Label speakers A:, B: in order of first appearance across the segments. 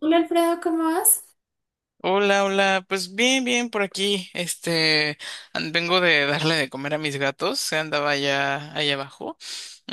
A: Hola Alfredo, ¿cómo vas?
B: Hola, hola, pues bien, bien por aquí. Este, vengo de darle de comer a mis gatos, se andaba allá abajo. Mm,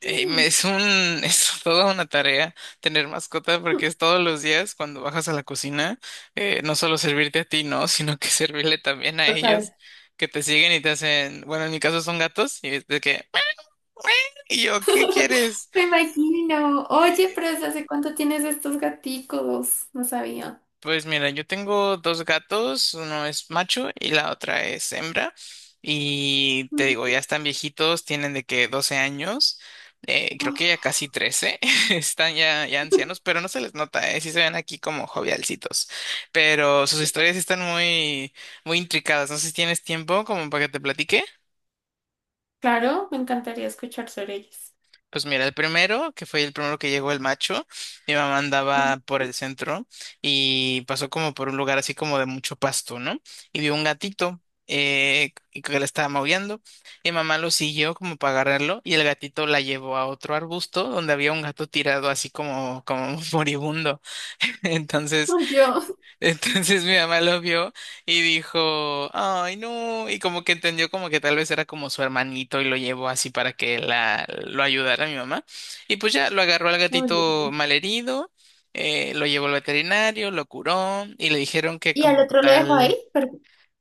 A: Mm.
B: es toda una tarea tener mascota porque es todos los días cuando bajas a la cocina, no solo servirte a ti, no, sino que servirle también a ellos
A: Total.
B: que te siguen y te hacen, bueno, en mi caso son gatos y es de que, y yo, ¿qué quieres?
A: Me imagino. Oye, pero ¿desde hace cuánto tienes estos gaticos? No sabía.
B: Pues mira, yo tengo dos gatos, uno es macho y la otra es hembra. Y te digo,
A: Mm.
B: ya están viejitos, tienen de que 12 años, creo que ya
A: Oh,
B: casi 13, están ya ancianos, pero no se les nota, sí se ven aquí como jovialcitos. Pero sus historias sí están muy, muy intricadas. No sé si tienes tiempo como para que te platique.
A: claro, me encantaría escuchar sobre ellos.
B: Pues mira, el primero, que fue el primero que llegó el macho, mi mamá
A: Mm.
B: andaba por el centro y pasó como por un lugar así como de mucho pasto, ¿no? Y vio un gatito y que le estaba maullando. Mi mamá lo siguió como para agarrarlo y el gatito la llevó a otro arbusto donde había un gato tirado así como, como moribundo. Entonces
A: Ay, Dios.
B: entonces mi mamá lo vio y dijo, ay, no, y como que entendió como que tal vez era como su hermanito y lo llevó así para que la, lo ayudara mi mamá. Y pues ya lo agarró al
A: Muy
B: gatito
A: bien.
B: malherido, lo llevó al veterinario, lo curó y le dijeron que
A: ¿Y al
B: como
A: otro lo dejo
B: tal...
A: ahí? Per-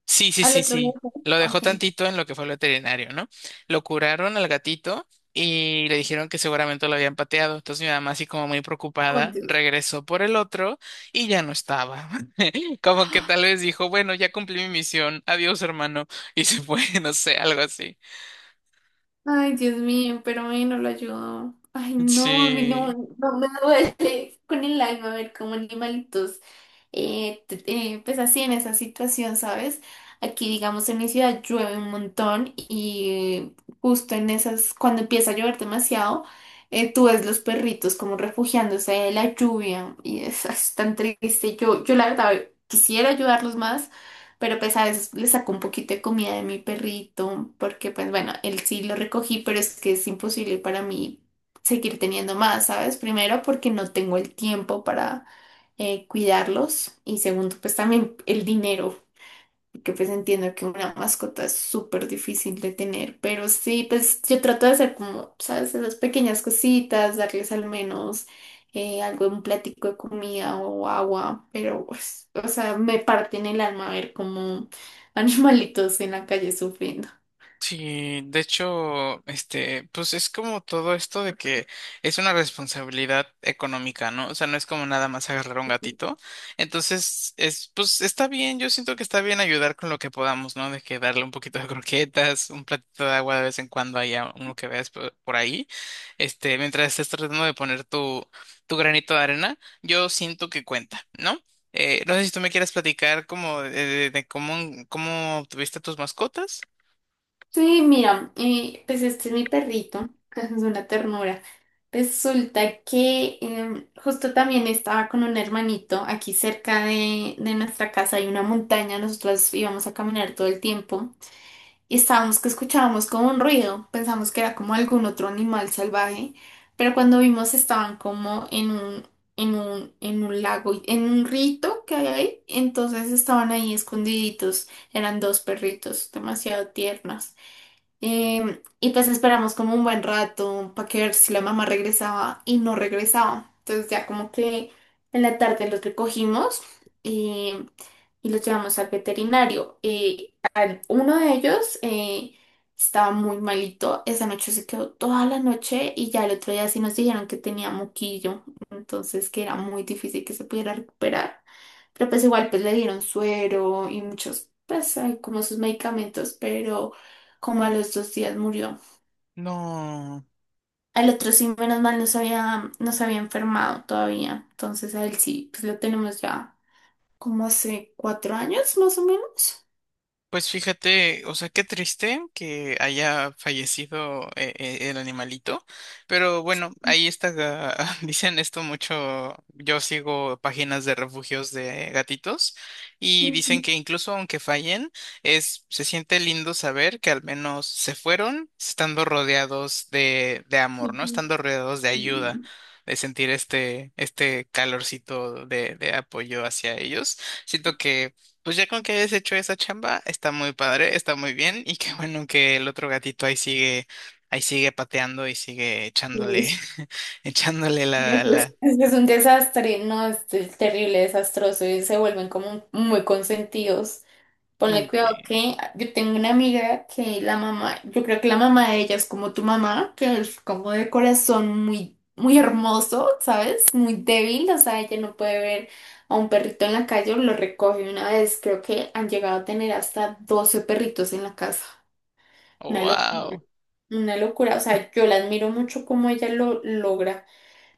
B: Sí, sí,
A: ¿Al
B: sí,
A: otro lo
B: sí.
A: dejo ahí?
B: Lo dejó
A: Ok.
B: tantito en lo que fue el veterinario, ¿no? Lo curaron al gatito y le dijeron que seguramente lo habían pateado. Entonces mi mamá, así como muy
A: Oh,
B: preocupada,
A: Dios.
B: regresó por el otro y ya no estaba. Como que tal vez dijo, bueno, ya cumplí mi misión, adiós, hermano, y se fue, no sé, algo así.
A: Ay, Dios mío, pero a mí no lo ayudó. Ay, no, a mí no,
B: Sí.
A: no me duele con el alma ver cómo animalitos, pues así en esa situación, ¿sabes? Aquí, digamos, en mi ciudad llueve un montón y justo en esas, cuando empieza a llover demasiado, tú ves los perritos como refugiándose de la lluvia y es tan triste. Yo la verdad quisiera ayudarlos más, pero pues a veces le saco un poquito de comida de mi perrito, porque pues bueno, él sí lo recogí, pero es que es imposible para mí seguir teniendo más, ¿sabes? Primero porque no tengo el tiempo para cuidarlos, y segundo pues también el dinero, que pues entiendo que una mascota es súper difícil de tener, pero sí, pues yo trato de hacer como, ¿sabes? Esas pequeñas cositas, darles al menos algo, un platico de comida o agua, pero pues, o sea, me parte en el alma ver como animalitos en la calle sufriendo.
B: Sí, de hecho, este, pues es como todo esto de que es una responsabilidad económica, ¿no? O sea, no es como nada más agarrar un gatito. Entonces, es, pues está bien, yo siento que está bien ayudar con lo que podamos, ¿no? De que darle un poquito de croquetas, un platito de agua de vez en cuando haya uno que veas por ahí. Este, mientras estés tratando de poner tu, tu granito de arena, yo siento que cuenta, ¿no? No sé si tú me quieres platicar como de, de cómo, cómo tuviste tus mascotas.
A: Sí, mira, pues este es mi perrito, es una ternura. Resulta que justo también estaba con un hermanito aquí cerca de nuestra casa; hay una montaña, nosotros íbamos a caminar todo el tiempo y estábamos que escuchábamos como un ruido, pensamos que era como algún otro animal salvaje, pero cuando vimos estaban como en un lago, en un rito que hay ahí. Entonces estaban ahí escondiditos, eran dos perritos demasiado tiernos. Y pues esperamos como un buen rato para ver si la mamá regresaba, y no regresaba. Entonces ya como que en la tarde los recogimos y los llevamos al veterinario. Uno de ellos estaba muy malito, esa noche se quedó toda la noche y ya el otro día sí nos dijeron que tenía moquillo, entonces que era muy difícil que se pudiera recuperar. Pero pues igual pues le dieron suero y muchos, pues hay como sus medicamentos, pero como a los 2 días murió.
B: No,
A: Al otro sí, menos mal, no se había enfermado todavía, entonces a él sí, pues lo tenemos ya como hace 4 años más o menos.
B: pues fíjate, o sea, qué triste que haya fallecido el animalito, pero bueno, ahí está, dicen esto mucho, yo sigo páginas de refugios de gatitos y dicen
A: Ujú,
B: que incluso aunque fallen, es, se siente lindo saber que al menos se fueron estando rodeados de amor, ¿no?
A: ujú,
B: Estando rodeados de ayuda. De sentir este calorcito de apoyo hacia ellos. Siento que pues ya con que hayas hecho esa chamba, está muy padre, está muy bien y qué bueno que el otro gatito ahí sigue pateando y sigue echándole,
A: ujú.
B: echándole la,
A: Es
B: la.
A: que es un desastre, no, es terrible, desastroso, y se vuelven como muy consentidos. Ponle cuidado que yo tengo una amiga que la mamá, yo creo que la mamá de ella es como tu mamá, que es como de corazón muy, muy hermoso, ¿sabes? Muy débil, o sea, ella no puede ver a un perrito en la calle, lo recoge una vez; creo que han llegado a tener hasta 12 perritos en la casa. Una locura.
B: Wow.
A: Una locura, o sea, yo la admiro mucho cómo ella lo logra,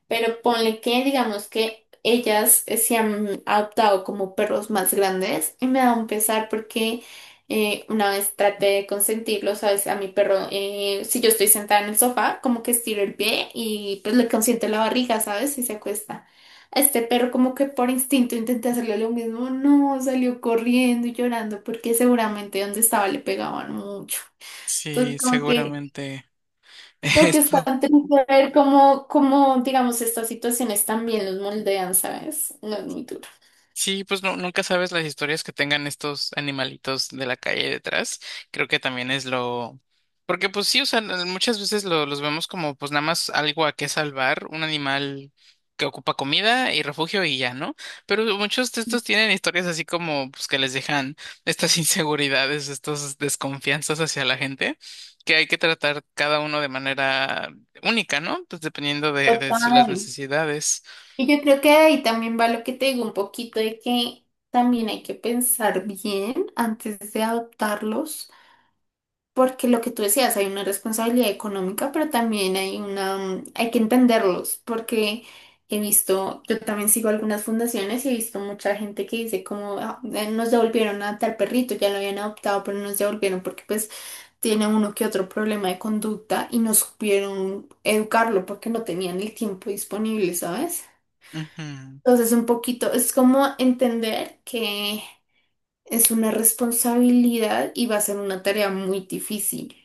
A: pero ponle que digamos que ellas se han adoptado como perros más grandes y me da un pesar porque una vez traté de consentirlo, sabes, a mi perro. Si yo estoy sentada en el sofá, como que estiro el pie y pues le consiento la barriga, sabes, y se acuesta. A este perro como que por instinto intenté hacerle lo mismo, no, salió corriendo y llorando porque seguramente donde estaba le pegaban mucho. Entonces
B: Sí,
A: como que...
B: seguramente
A: creo que es
B: esto.
A: tan triste ver digamos, estas situaciones también los moldean, ¿sabes? No es muy duro.
B: Sí, pues no, nunca sabes las historias que tengan estos animalitos de la calle detrás. Creo que también es lo... Porque pues sí, o sea, muchas veces los vemos como pues nada más algo a qué salvar, un animal que ocupa comida y refugio y ya, ¿no? Pero muchos de estos tienen historias así como pues que les dejan estas inseguridades, estas desconfianzas hacia la gente, que hay que tratar cada uno de manera única, ¿no? Pues dependiendo de las
A: Total.
B: necesidades.
A: Y yo creo que ahí también va lo que te digo un poquito de que también hay que pensar bien antes de adoptarlos, porque lo que tú decías, hay una responsabilidad económica, pero también hay una, hay que entenderlos, porque he visto, yo también sigo algunas fundaciones, y he visto mucha gente que dice como: "Ah, nos devolvieron a tal perrito, ya lo habían adoptado, pero no nos devolvieron porque pues tiene uno que otro problema de conducta y no supieron educarlo porque no tenían el tiempo disponible", ¿sabes?
B: Ujú.
A: Entonces, un poquito, es como entender que es una responsabilidad y va a ser una tarea muy difícil.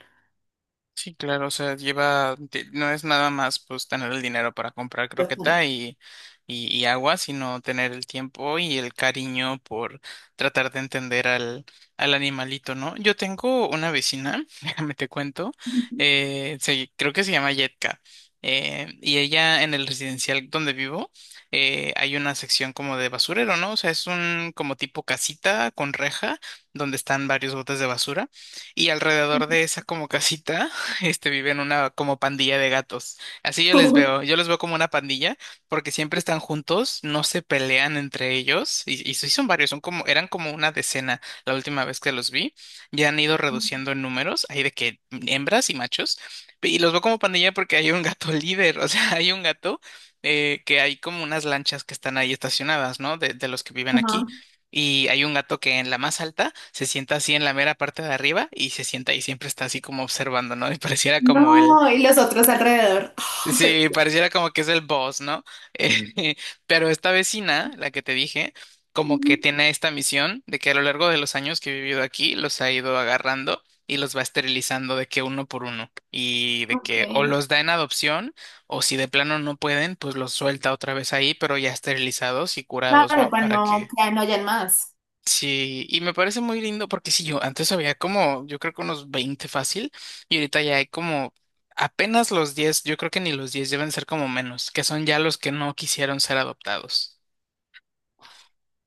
B: Sí, claro, o sea, no es nada más pues tener el dinero para comprar
A: Total.
B: croqueta y agua, sino tener el tiempo y el cariño por tratar de entender al animalito, ¿no? Yo tengo una vecina, déjame te cuento, creo que se llama Yetka, y ella en el residencial donde vivo, hay una sección como de basurero, ¿no? O sea, es un como tipo casita con reja donde están varios botes de basura y alrededor de esa como casita este, viven una como pandilla de gatos. Así yo les
A: Ujú.
B: veo, yo los veo como una pandilla porque siempre están juntos, no se pelean entre ellos y sí son varios, son como, eran como una decena la última vez que los vi. Ya han ido reduciendo en números, hay de que hembras y machos. Y los veo como pandilla porque hay un gato líder, o sea, hay un gato que hay como unas lanchas que están ahí estacionadas, ¿no? De los que viven aquí.
A: Ajá.
B: Y hay un gato que en la más alta se sienta así en la mera parte de arriba y se sienta y siempre está así como observando, ¿no? Y pareciera como el,
A: No, y los otros alrededor. Ay,
B: sí,
A: Dios.
B: pareciera como que es el boss, ¿no? Eh, pero esta vecina, la que te dije, como
A: Ujú.
B: que tiene esta misión de que a lo largo de los años que he vivido aquí, los ha ido agarrando y los va esterilizando de que uno por uno y de
A: Ok.
B: que o los da en adopción o si de plano no pueden, pues los suelta otra vez ahí, pero ya esterilizados y curados,
A: Claro,
B: ¿no?
A: para
B: Para
A: no
B: que
A: que no hayan más.
B: sí, y me parece muy lindo porque sí, yo antes había como, yo creo que unos 20 fácil, y ahorita ya hay como apenas los 10, yo creo que ni los 10 deben ser como menos, que son ya los que no quisieron ser adoptados.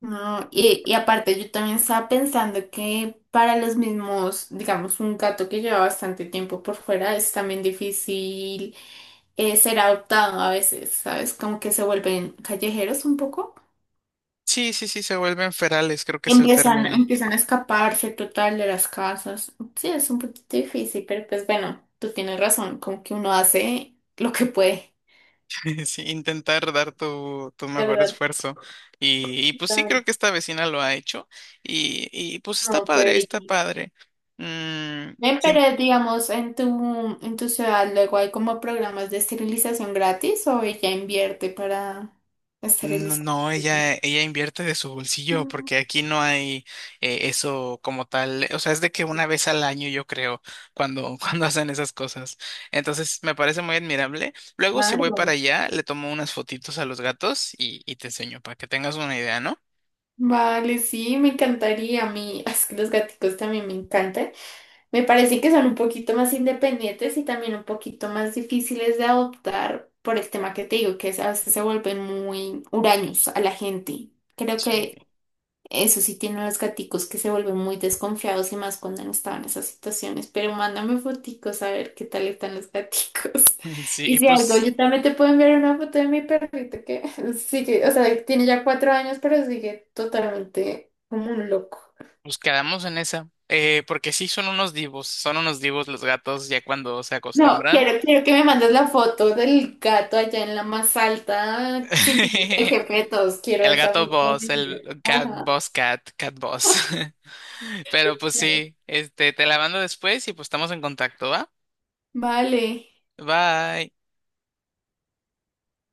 A: No, y aparte yo también estaba pensando que para los mismos, digamos, un gato que lleva bastante tiempo por fuera es también difícil ser adoptado a veces, ¿sabes? Como que se vuelven callejeros un poco.
B: Sí, sí, sí, se vuelven ferales, creo que es el
A: Empiezan,
B: término.
A: empiezan a escaparse total de las casas. Sí, es un poquito difícil, pero pues bueno, tú tienes razón, como que uno hace lo que puede.
B: Sí, intentar dar tu, tu
A: De
B: mejor
A: verdad,
B: esfuerzo. Y pues sí, creo
A: total.
B: que esta vecina lo ha hecho. Y pues está
A: No, qué
B: padre, está
A: bello.
B: padre. Mm.
A: Ven, pero digamos, en tu ciudad luego hay como programas de esterilización gratis, o ella invierte para
B: No,
A: esterilizar.
B: no, ella invierte de su bolsillo
A: Mm.
B: porque aquí no hay eso como tal. O sea, es de que una vez al año yo creo cuando, cuando hacen esas cosas. Entonces me parece muy admirable. Luego si voy
A: Claro.
B: para allá, le tomo unas fotitos a los gatos y te enseño para que tengas una idea, ¿no?
A: Vale, sí, me encantaría. A mí, es que los gaticos también me encantan. Me parece que son un poquito más independientes y también un poquito más difíciles de adoptar por el tema que te digo, que es, a veces se vuelven muy huraños a la gente. Creo
B: Sí.
A: que eso sí tienen los gaticos, que se vuelven muy desconfiados, y más cuando han estado en esas situaciones. Pero mándame foticos a ver qué tal están los gaticos.
B: Sí,
A: Y
B: y
A: si algo,
B: pues,
A: yo también te puedo enviar una foto de mi perrito, que sigue, o sea, tiene ya 4 años, pero sigue totalmente como un loco.
B: pues quedamos en esa. Porque sí son unos divos los gatos ya cuando se
A: No,
B: acostumbran.
A: quiero que me mandes la foto del gato allá en la más alta, sintiendo el jefe de todos. Quiero
B: El
A: esa
B: gato
A: foto.
B: boss, el cat
A: Ajá.
B: boss cat, cat boss. Pero pues sí, este, te la mando después y pues estamos en contacto, ¿va?
A: Vale.
B: Bye.